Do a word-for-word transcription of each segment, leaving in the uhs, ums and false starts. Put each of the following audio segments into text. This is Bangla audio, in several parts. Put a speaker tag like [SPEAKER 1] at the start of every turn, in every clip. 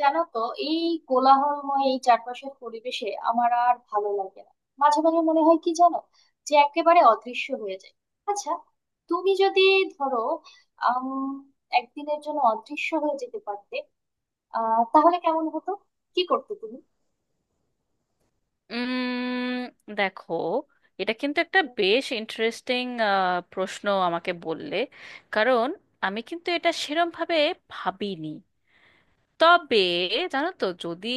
[SPEAKER 1] জানো তো এই কোলাহলময় এই চারপাশের পরিবেশে আমার আর ভালো লাগে না। মাঝে মাঝে মনে হয় কি জানো, যে একেবারে অদৃশ্য হয়ে যায়। আচ্ছা, তুমি যদি ধরো, আম, একদিনের জন্য অদৃশ্য হয়ে যেতে পারতে আহ তাহলে কেমন হতো? কি করতে তুমি?
[SPEAKER 2] উম দেখো, এটা কিন্তু একটা বেশ ইন্টারেস্টিং প্রশ্ন আমাকে বললে। কারণ আমি কিন্তু এটা সেরম ভাবে ভাবিনি। তবে জানো তো, যদি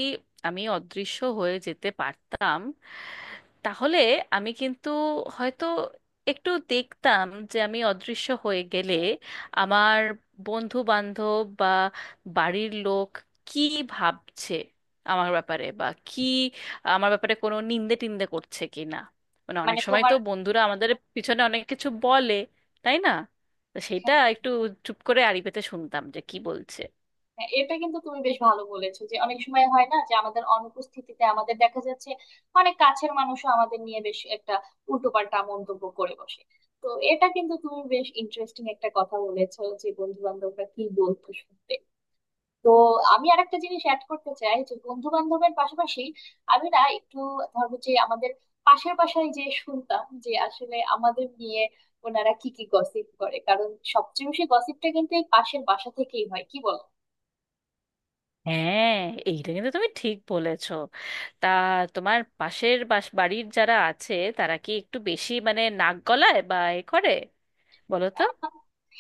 [SPEAKER 2] আমি অদৃশ্য হয়ে যেতে পারতাম, তাহলে আমি কিন্তু হয়তো একটু দেখতাম যে আমি অদৃশ্য হয়ে গেলে আমার বন্ধু বান্ধব বা বাড়ির লোক কি ভাবছে আমার ব্যাপারে, বা কি আমার ব্যাপারে কোনো নিন্দে টিন্দে করছে কি না। মানে
[SPEAKER 1] মানে
[SPEAKER 2] অনেক সময়
[SPEAKER 1] তোমার,
[SPEAKER 2] তো বন্ধুরা আমাদের পিছনে অনেক কিছু বলে, তাই না? তো সেটা
[SPEAKER 1] হ্যাঁ।
[SPEAKER 2] একটু চুপ করে আড়ি পেতে শুনতাম যে কি বলছে।
[SPEAKER 1] হ্যাঁ, এটা কিন্তু তুমি বেশ ভালো বলেছো যে অনেক সময় হয় না যে আমাদের অনুপস্থিতিতে আমাদের দেখা যাচ্ছে অনেক কাছের মানুষও আমাদের নিয়ে বেশ একটা উল্টোপাল্টা মন্তব্য করে বসে। তো এটা কিন্তু তুমি বেশ ইন্টারেস্টিং একটা কথা বলেছো যে বন্ধু বান্ধবরা কি বলতো শুনতে। তো আমি আর একটা জিনিস অ্যাড করতে চাই, যে বন্ধু বান্ধবের পাশাপাশি আমি না একটু, ধরো যে আমাদের পাশের বাসায় যে শুনতাম যে আসলে আমাদের নিয়ে ওনারা কি কি গসিপ করে, কারণ সবচেয়ে বেশি গসিপটা কিন্তু এই পাশের বাসা থেকেই হয়, কি বল?
[SPEAKER 2] হ্যাঁ, এইটা কিন্তু তুমি ঠিক বলেছো। তা তোমার পাশের বাস বাড়ির যারা আছে তারা কি একটু বেশি মানে নাক গলায় বা এ করে, বলো তো?
[SPEAKER 1] আহ,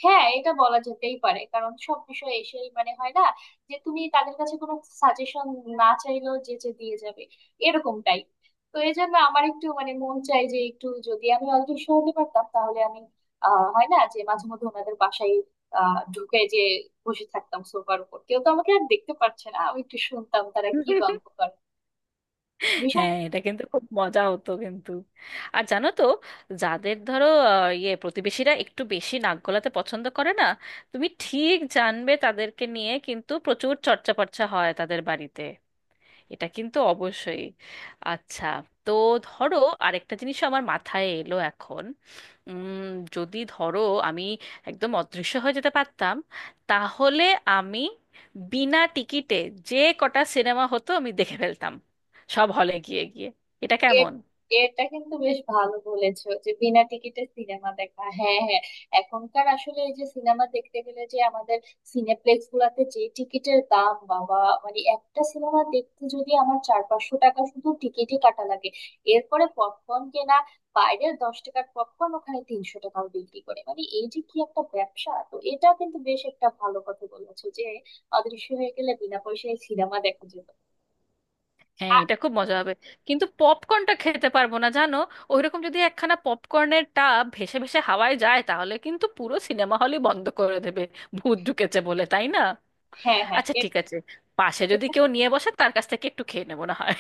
[SPEAKER 1] হ্যাঁ, এটা বলা যেতেই পারে, কারণ সব বিষয় এসেই মানে হয় না যে তুমি তাদের কাছে কোনো সাজেশন না চাইলেও যে যে দিয়ে যাবে, এরকম টাইপ। তো এই জন্য আমার একটু মানে মন চাই যে একটু যদি আমি অদৃশ্য হতে পারতাম তাহলে আমি আহ হয় না যে মাঝে মধ্যে ওনাদের বাসায় আহ ঢুকে যে বসে থাকতাম সোফার উপর, কেউ তো আমাকে আর দেখতে পারছে না, আমি একটু শুনতাম তারা কি গল্প করে।
[SPEAKER 2] হ্যাঁ, এটা কিন্তু খুব মজা হতো কিন্তু। আর জানো তো, যাদের ধরো আহ, ইয়ে প্রতিবেশীরা একটু বেশি নাক গলাতে পছন্দ করে না, তুমি ঠিক জানবে তাদেরকে নিয়ে কিন্তু প্রচুর চর্চা পর্চা হয় তাদের বাড়িতে। এটা কিন্তু অবশ্যই। আচ্ছা, তো ধরো, আরেকটা জিনিস আমার মাথায় এলো এখন। উম, যদি ধরো আমি একদম অদৃশ্য হয়ে যেতে পারতাম, তাহলে আমি বিনা টিকিটে যে কটা সিনেমা হতো আমি দেখে ফেলতাম, সব হলে গিয়ে গিয়ে। এটা
[SPEAKER 1] এর
[SPEAKER 2] কেমন?
[SPEAKER 1] এটা কিন্তু বেশ ভালো বলেছো যে বিনা টিকিটে সিনেমা দেখা, হ্যাঁ, হ্যাঁ। এখনকার আসলে এই যে সিনেমা দেখতে গেলে যে আমাদের সিনেপ্লেক্স গুলাতে যে টিকিটের দাম, বাবা! মানে একটা সিনেমা দেখতে যদি আমার চার পাঁচশো টাকা শুধু টিকিটই কাটা লাগে, এরপরে পপকর্ন কেনা, বাইরে দশ টাকার পপকর্ন ওখানে তিনশো টাকাও বিক্রি করে, মানে এই যে কি একটা ব্যবসা। তো এটা কিন্তু বেশ একটা ভালো কথা বলেছো যে অদৃশ্য হয়ে গেলে বিনা পয়সায় সিনেমা দেখা যেত।
[SPEAKER 2] হ্যাঁ,
[SPEAKER 1] আর
[SPEAKER 2] এটা খুব মজা হবে, কিন্তু পপকর্নটা খেতে পারবো না জানো। ওইরকম যদি একখানা পপকর্নের টাব ভেসে ভেসে হাওয়ায় যায়, তাহলে কিন্তু পুরো সিনেমা হলই বন্ধ করে দেবে, ভূত ঢুকেছে বলে, তাই না?
[SPEAKER 1] হ্যাঁ হ্যাঁ
[SPEAKER 2] আচ্ছা, ঠিক আছে, পাশে
[SPEAKER 1] এ-
[SPEAKER 2] যদি কেউ নিয়ে বসে তার কাছ থেকে একটু খেয়ে নেবো না হয়।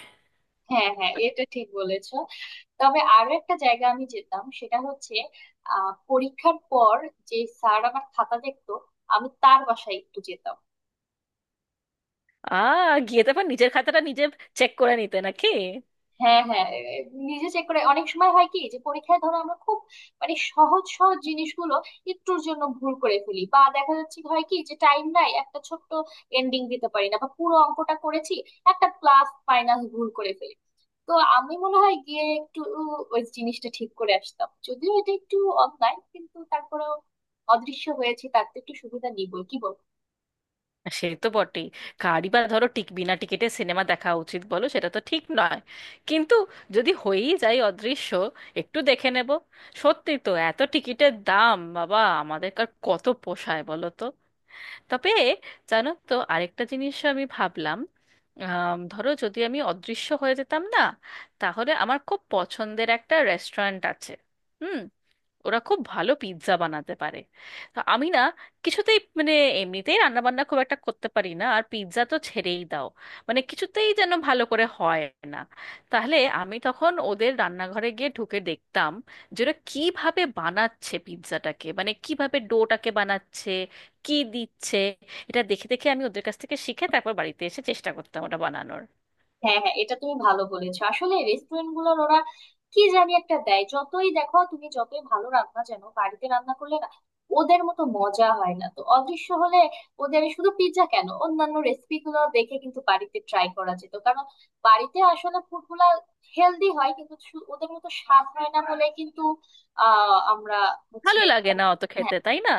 [SPEAKER 1] হ্যাঁ, হ্যাঁ, এটা ঠিক বলেছো। তবে আরো একটা জায়গা আমি যেতাম, সেটা হচ্ছে আহ পরীক্ষার পর যে স্যার আমার খাতা দেখতো, আমি তার বাসায় একটু যেতাম।
[SPEAKER 2] আ, গিয়ে তারপর নিজের খাতাটা নিজে চেক করে নিতে নাকি?
[SPEAKER 1] হ্যাঁ, হ্যাঁ, এ- এ- নিজে চেক করে, অনেক সময় হয় কি যে পরীক্ষায় ধরো আমরা খুব মানে সহজ সহজ জিনিসগুলো একটুর জন্য ভুল করে ফেলি, বা দেখা যাচ্ছে হয় কি যে টাইম নাই একটা ছোট্ট এন্ডিং দিতে পারি না, বা পুরো অঙ্কটা করেছি একটা প্লাস মাইনাস ভুল করে ফেলি। তো আমি মনে হয় গিয়ে একটু ওই জিনিসটা ঠিক করে আসতাম, যদিও এটা একটু অন্যায়, কিন্তু তারপরেও অদৃশ্য হয়েছে তার তো একটু সুবিধা নিবই, কি বল?
[SPEAKER 2] সে তো বটেই। কারই বা ধরো টিক বিনা টিকিটে সিনেমা দেখা উচিত, বলো, সেটা তো ঠিক নয়। কিন্তু যদি হয়েই যায় অদৃশ্য, একটু দেখে নেব। সত্যি তো, এত টিকিটের দাম, বাবা, আমাদের কার কত পোষায় বলো তো। তবে জানো তো, আরেকটা জিনিস আমি ভাবলাম। আম, ধরো যদি আমি অদৃশ্য হয়ে যেতাম না, তাহলে আমার খুব পছন্দের একটা রেস্টুরেন্ট আছে, হুম, ওরা খুব ভালো পিৎজা বানাতে পারে। তো আমি না কিছুতেই, মানে এমনিতেই রান্না বান্না খুব একটা করতে পারি না, আর পিৎজা তো ছেড়েই দাও, মানে কিছুতেই যেন ভালো করে হয় না। তাহলে আমি তখন ওদের রান্নাঘরে গিয়ে ঢুকে দেখতাম যে ওরা কিভাবে বানাচ্ছে পিৎজাটাকে, মানে কিভাবে ডোটাকে বানাচ্ছে, কি দিচ্ছে। এটা দেখে দেখে আমি ওদের কাছ থেকে শিখে তারপর বাড়িতে এসে চেষ্টা করতাম ওটা বানানোর।
[SPEAKER 1] হ্যাঁ, হ্যাঁ, এটা তুমি ভালো বলেছো। আসলে রেস্টুরেন্ট গুলোর ওরা কি জানি একটা দেয়, যতই দেখো তুমি যতই ভালো রান্না জানো, বাড়িতে রান্না করলে না ওদের মতো মজা হয় না। তো অদৃশ্য হলে ওদের শুধু পিৎজা কেন, অন্যান্য রেসিপি গুলো দেখে কিন্তু বাড়িতে ট্রাই করা যেত। কারণ বাড়িতে আসলে ফুড গুলা হেলদি হয় কিন্তু শু- ওদের মতো স্বাদ হয় না বলে কিন্তু আহ আমরা হচ্ছে,
[SPEAKER 2] ভালো লাগে না অত
[SPEAKER 1] হ্যাঁ
[SPEAKER 2] খেতে, তাই না?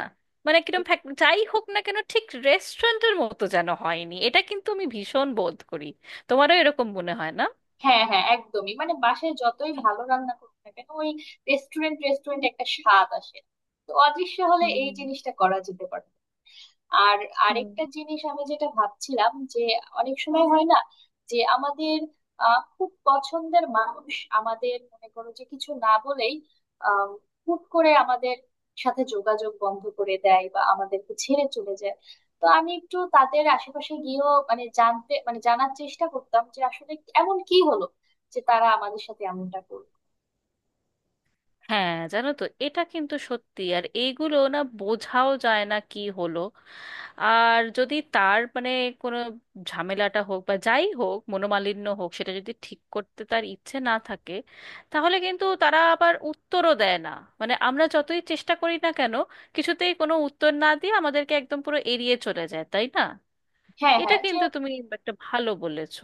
[SPEAKER 2] মানে কিরম ফ্যাক- যাই হোক না কেন, ঠিক রেস্টুরেন্টের মতো যেন হয়নি, এটা কিন্তু আমি ভীষণ বোধ করি। তোমারও এরকম মনে হয় না?
[SPEAKER 1] হ্যাঁ। হ্যাঁ, একদমই, মানে বাসায় যতই ভালো রান্না করুক না কেন ওই রেস্টুরেন্ট রেস্টুরেন্ট একটা স্বাদ আসে। তো অদৃশ্য হলে এই
[SPEAKER 2] হুম।
[SPEAKER 1] জিনিসটা করা যেতে পারে। আর
[SPEAKER 2] হুম।
[SPEAKER 1] আরেকটা জিনিস আমি যেটা ভাবছিলাম যে অনেক সময় হয় না যে আমাদের আহ, খুব পছন্দের মানুষ আমাদের, মনে করো যে কিছু না বলেই আহ, হুট করে আমাদের সাথে যোগাযোগ বন্ধ করে দেয় বা আমাদেরকে ছেড়ে চলে যায়। তো আমি একটু তাদের আশেপাশে গিয়েও মানে জানতে, মানে জানার চেষ্টা করতাম যে আসলে এমন কি হলো যে তারা আমাদের সাথে এমনটা করলো।
[SPEAKER 2] হ্যাঁ জানো তো, এটা কিন্তু সত্যি, আর এইগুলো না বোঝাও যায় না কি হলো। আর যদি তার মানে কোনো ঝামেলাটা হোক বা যাই হোক, মনোমালিন্য হোক, সেটা যদি ঠিক করতে তার ইচ্ছে না থাকে, তাহলে কিন্তু তারা আবার উত্তরও দেয় না। মানে আমরা যতই চেষ্টা করি না কেন, কিছুতেই কোনো উত্তর না দিয়ে আমাদেরকে একদম পুরো এড়িয়ে চলে যায়, তাই না?
[SPEAKER 1] হ্যাঁ,
[SPEAKER 2] এটা
[SPEAKER 1] হ্যাঁ, যে
[SPEAKER 2] কিন্তু তুমি একটা ভালো বলেছো।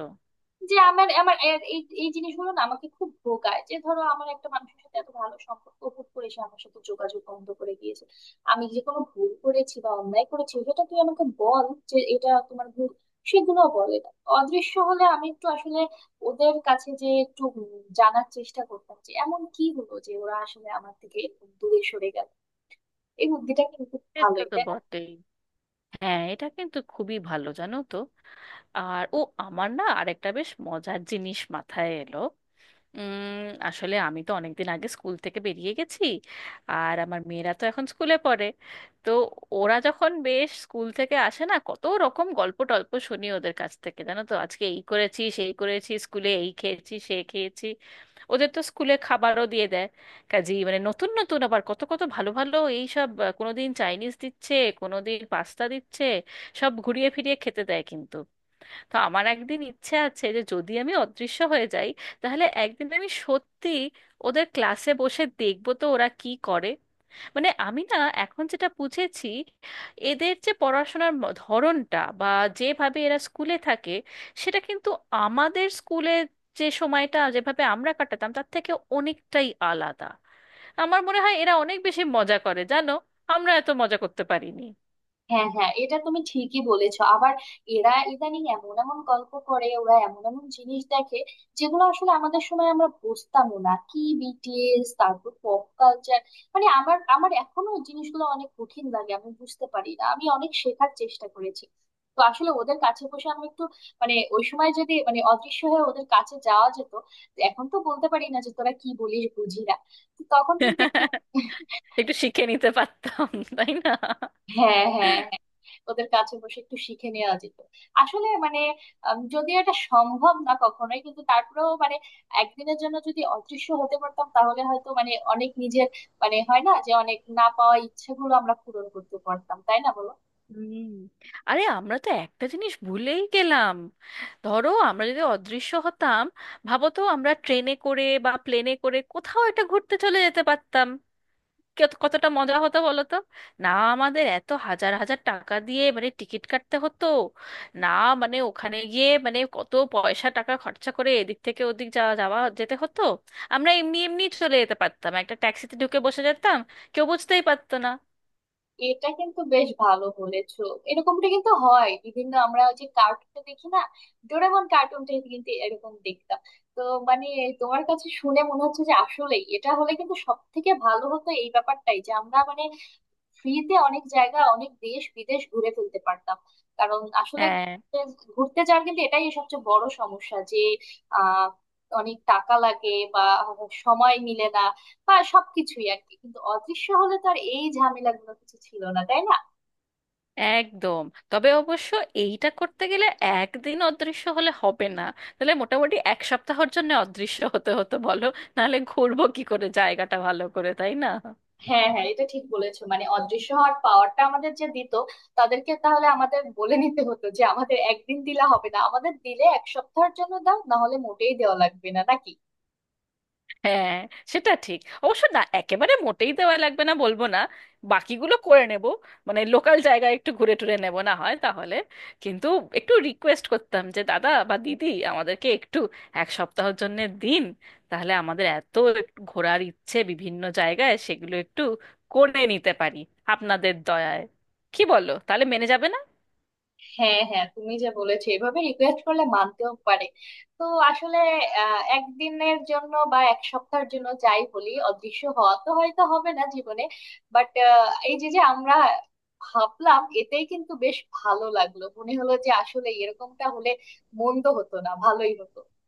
[SPEAKER 1] যে আমার আমার এ- এই এই জিনিসগুলো না আমাকে খুব ভোগায় যে ধরো আমার একটা মানুষের সাথে এত ভালো সম্পর্ক, হুট করে সে আমার সাথে যোগাযোগ বন্ধ করে দিয়েছে। আমি যে কোনো ভুল করেছি বা অন্যায় করেছি সেটা তুই আমাকে বল, যে এটা তোমার ভুল, সেগুলো বলে না। অদৃশ্য হলে আমি একটু আসলে ওদের কাছে যে একটু উম জানার চেষ্টা করতাম যে এমন কি হলো যে ওরা আসলে আমার থেকে দূরে সরে গেল। এই বুদ্ধিটা কিন্তু
[SPEAKER 2] এটা
[SPEAKER 1] ভালোই,
[SPEAKER 2] তো
[SPEAKER 1] তাই না?
[SPEAKER 2] বটেই। হ্যাঁ, এটা কিন্তু খুবই ভালো জানো তো। আর ও, আমার না আরেকটা বেশ মজার জিনিস মাথায় এলো। উম, আসলে আমি তো অনেকদিন আগে স্কুল থেকে বেরিয়ে গেছি, আর আমার মেয়েরা তো এখন স্কুলে পড়ে। তো ওরা যখন বেশ স্কুল থেকে আসে না, কত রকম গল্প টল্প শুনি ওদের কাছ থেকে, জানো তো, আজকে এই করেছি সেই করেছি, স্কুলে এই খেয়েছি সে খেয়েছি। ওদের তো স্কুলে খাবারও দিয়ে দেয়, কাজেই মানে নতুন নতুন আবার কত কত ভালো ভালো এইসব, আহ, কোনোদিন চাইনিজ দিচ্ছে, কোনোদিন পাস্তা দিচ্ছে, সব ঘুরিয়ে ফিরিয়ে খেতে দেয় কিন্তু। তো আমার একদিন ইচ্ছে আছে যে যদি আমি অদৃশ্য হয়ে যাই, তাহলে একদিন আমি সত্যি ওদের ক্লাসে বসে দেখবো তো ওরা কি করে। মানে আমি না এখন যেটা বুঝেছি, এদের যে পড়াশোনার ম- ধরনটা বা যেভাবে এরা স্কুলে থাকে, সেটা কিন্তু আমাদের স্কুলে যে সময়টা যেভাবে আমরা কাটাতাম তার থেকে অনেকটাই আলাদা। আমার মনে হয় এরা অনেক বেশি মজা করে জানো, আমরা এত মজা করতে পারিনি।
[SPEAKER 1] হ্যাঁ, হ্যাঁ, এটা তুমি ঠিকই বলেছো। আবার এরা ইদানিং এমন এমন গল্প করে, ওরা এমন এমন জিনিস দেখে যেগুলো আসলে আমাদের সময় আমরা বুঝতামও না, কি বিটিএস, তারপর পপ কালচার, মানে আমার আমার এখনো ওই জিনিসগুলো অনেক কঠিন লাগে, আমি বুঝতে পারি না, আমি অনেক শেখার চেষ্টা করেছি। তো আসলে ওদের কাছে বসে আমি একটু, মানে ওই সময় যদি মানে অদৃশ্য হয়ে ওদের কাছে যাওয়া যেত, এখন তো বলতে পারি না যে তোরা কি বলিস বুঝি না, তো তখন কিন্তু একটু
[SPEAKER 2] একটু শিখে নিতে পারতাম, তাই না?
[SPEAKER 1] হ্যাঁ, হ্যাঁ। ওদের কাছে বসে একটু শিখে নেওয়া যেত। আসলে মানে আম, যদিও এটা সম্ভব না কখনোই, কিন্তু তারপরেও মানে একদিনের জন্য যদি অদৃশ্য হতে পারতাম তাহলে হয়তো মানে অনেক নিজের, মানে হয় না যে অনেক না পাওয়া ইচ্ছেগুলো আমরা পূরণ করতে পারতাম, তাই না বলো?
[SPEAKER 2] হুম। আরে, আমরা তো একটা জিনিস ভুলেই গেলাম। ধরো আমরা যদি অদৃশ্য হতাম, ভাবো তো, আমরা ট্রেনে করে বা প্লেনে করে কোথাও একটা ঘুরতে চলে যেতে পারতাম। কত- কতটা মজা হতো বলো তো। না আমাদের এত হাজার হাজার টাকা দিয়ে মানে টিকিট কাটতে হতো, না মানে ওখানে গিয়ে মানে কত পয়সা টাকা খরচা করে এদিক থেকে ওদিক যাওয়া যাওয়া যেতে হতো। আমরা এমনি এমনি চলে যেতে পারতাম, একটা ট্যাক্সিতে ঢুকে বসে যেতাম, কেউ বুঝতেই পারতো না।
[SPEAKER 1] এটা কিন্তু বেশ ভালো বলেছো। এরকমটা কিন্তু হয় বিভিন্ন, আমরা ওই যে কার্টুন দেখি না, ডোরেমন কার্টুনটা কিন্তু এরকম দেখতাম। তো মানে তোমার কাছে শুনে মনে হচ্ছে যে আসলেই এটা হলে কিন্তু সব থেকে ভালো হতো এই ব্যাপারটাই যে আমরা মানে ফ্রিতে অনেক জায়গা অনেক দেশ বিদেশ ঘুরে ফেলতে পারতাম। কারণ আসলে
[SPEAKER 2] হ্যাঁ।
[SPEAKER 1] ঘুরতে যাওয়ার কিন্তু এটাই সবচেয়ে বড় সমস্যা যে আহ অনেক টাকা লাগে, বা সময় মিলে না, বা সবকিছুই আর কি, কিন্তু অদৃশ্য হলে তো আর এই ঝামেলাগুলো কিছু ছিল না, তাই না?
[SPEAKER 2] একদম। তবে অবশ্য এইটা করতে গেলে একদিন অদৃশ্য হলে হবে না, তাহলে মোটামুটি এক সপ্তাহের জন্য অদৃশ্য হতে হতো বলো, নাহলে ঘুরবো কি করে জায়গাটা ভালো করে, তাই না?
[SPEAKER 1] হ্যাঁ, হ্যাঁ, এটা ঠিক বলেছো। মানে অদৃশ্য হওয়ার পাওয়ারটা আমাদের যে দিত তাদেরকে তাহলে আমাদের বলে নিতে হতো যে আমাদের একদিন দিলে হবে না, আমাদের দিলে এক সপ্তাহের জন্য দাও, না হলে মোটেই দেওয়া লাগবে না নাকি।
[SPEAKER 2] হ্যাঁ। সেটা ঠিক অবশ্য, না একেবারে মোটেই দেওয়া লাগবে না বলবো না, বাকিগুলো করে নেব, মানে লোকাল জায়গায় একটু ঘুরে টুরে নেব না হয় তাহলে। কিন্তু একটু রিকোয়েস্ট করতাম যে দাদা বা দিদি, আমাদেরকে একটু এক সপ্তাহের জন্য দিন, তাহলে আমাদের এত একটু ঘোরার ইচ্ছে বিভিন্ন জায়গায়, সেগুলো একটু করে নিতে পারি আপনাদের দয়ায়। কি বলো, তাহলে মেনে যাবে না?
[SPEAKER 1] হ্যাঁ, হ্যাঁ, তুমি যে বলেছো এভাবে রিকোয়েস্ট করলে মানতেও পারে। তো আসলে আহ, একদিনের জন্য বা এক সপ্তাহের জন্য যাই বলি, অদৃশ্য হওয়া তো হয়তো হবে না জীবনে, বাট এই যে যে আমরা ভাবলাম এতেই কিন্তু বেশ ভালো লাগলো, মনে হলো যে আসলে এরকমটা হলে মন্দ হতো না, ভালোই হতো।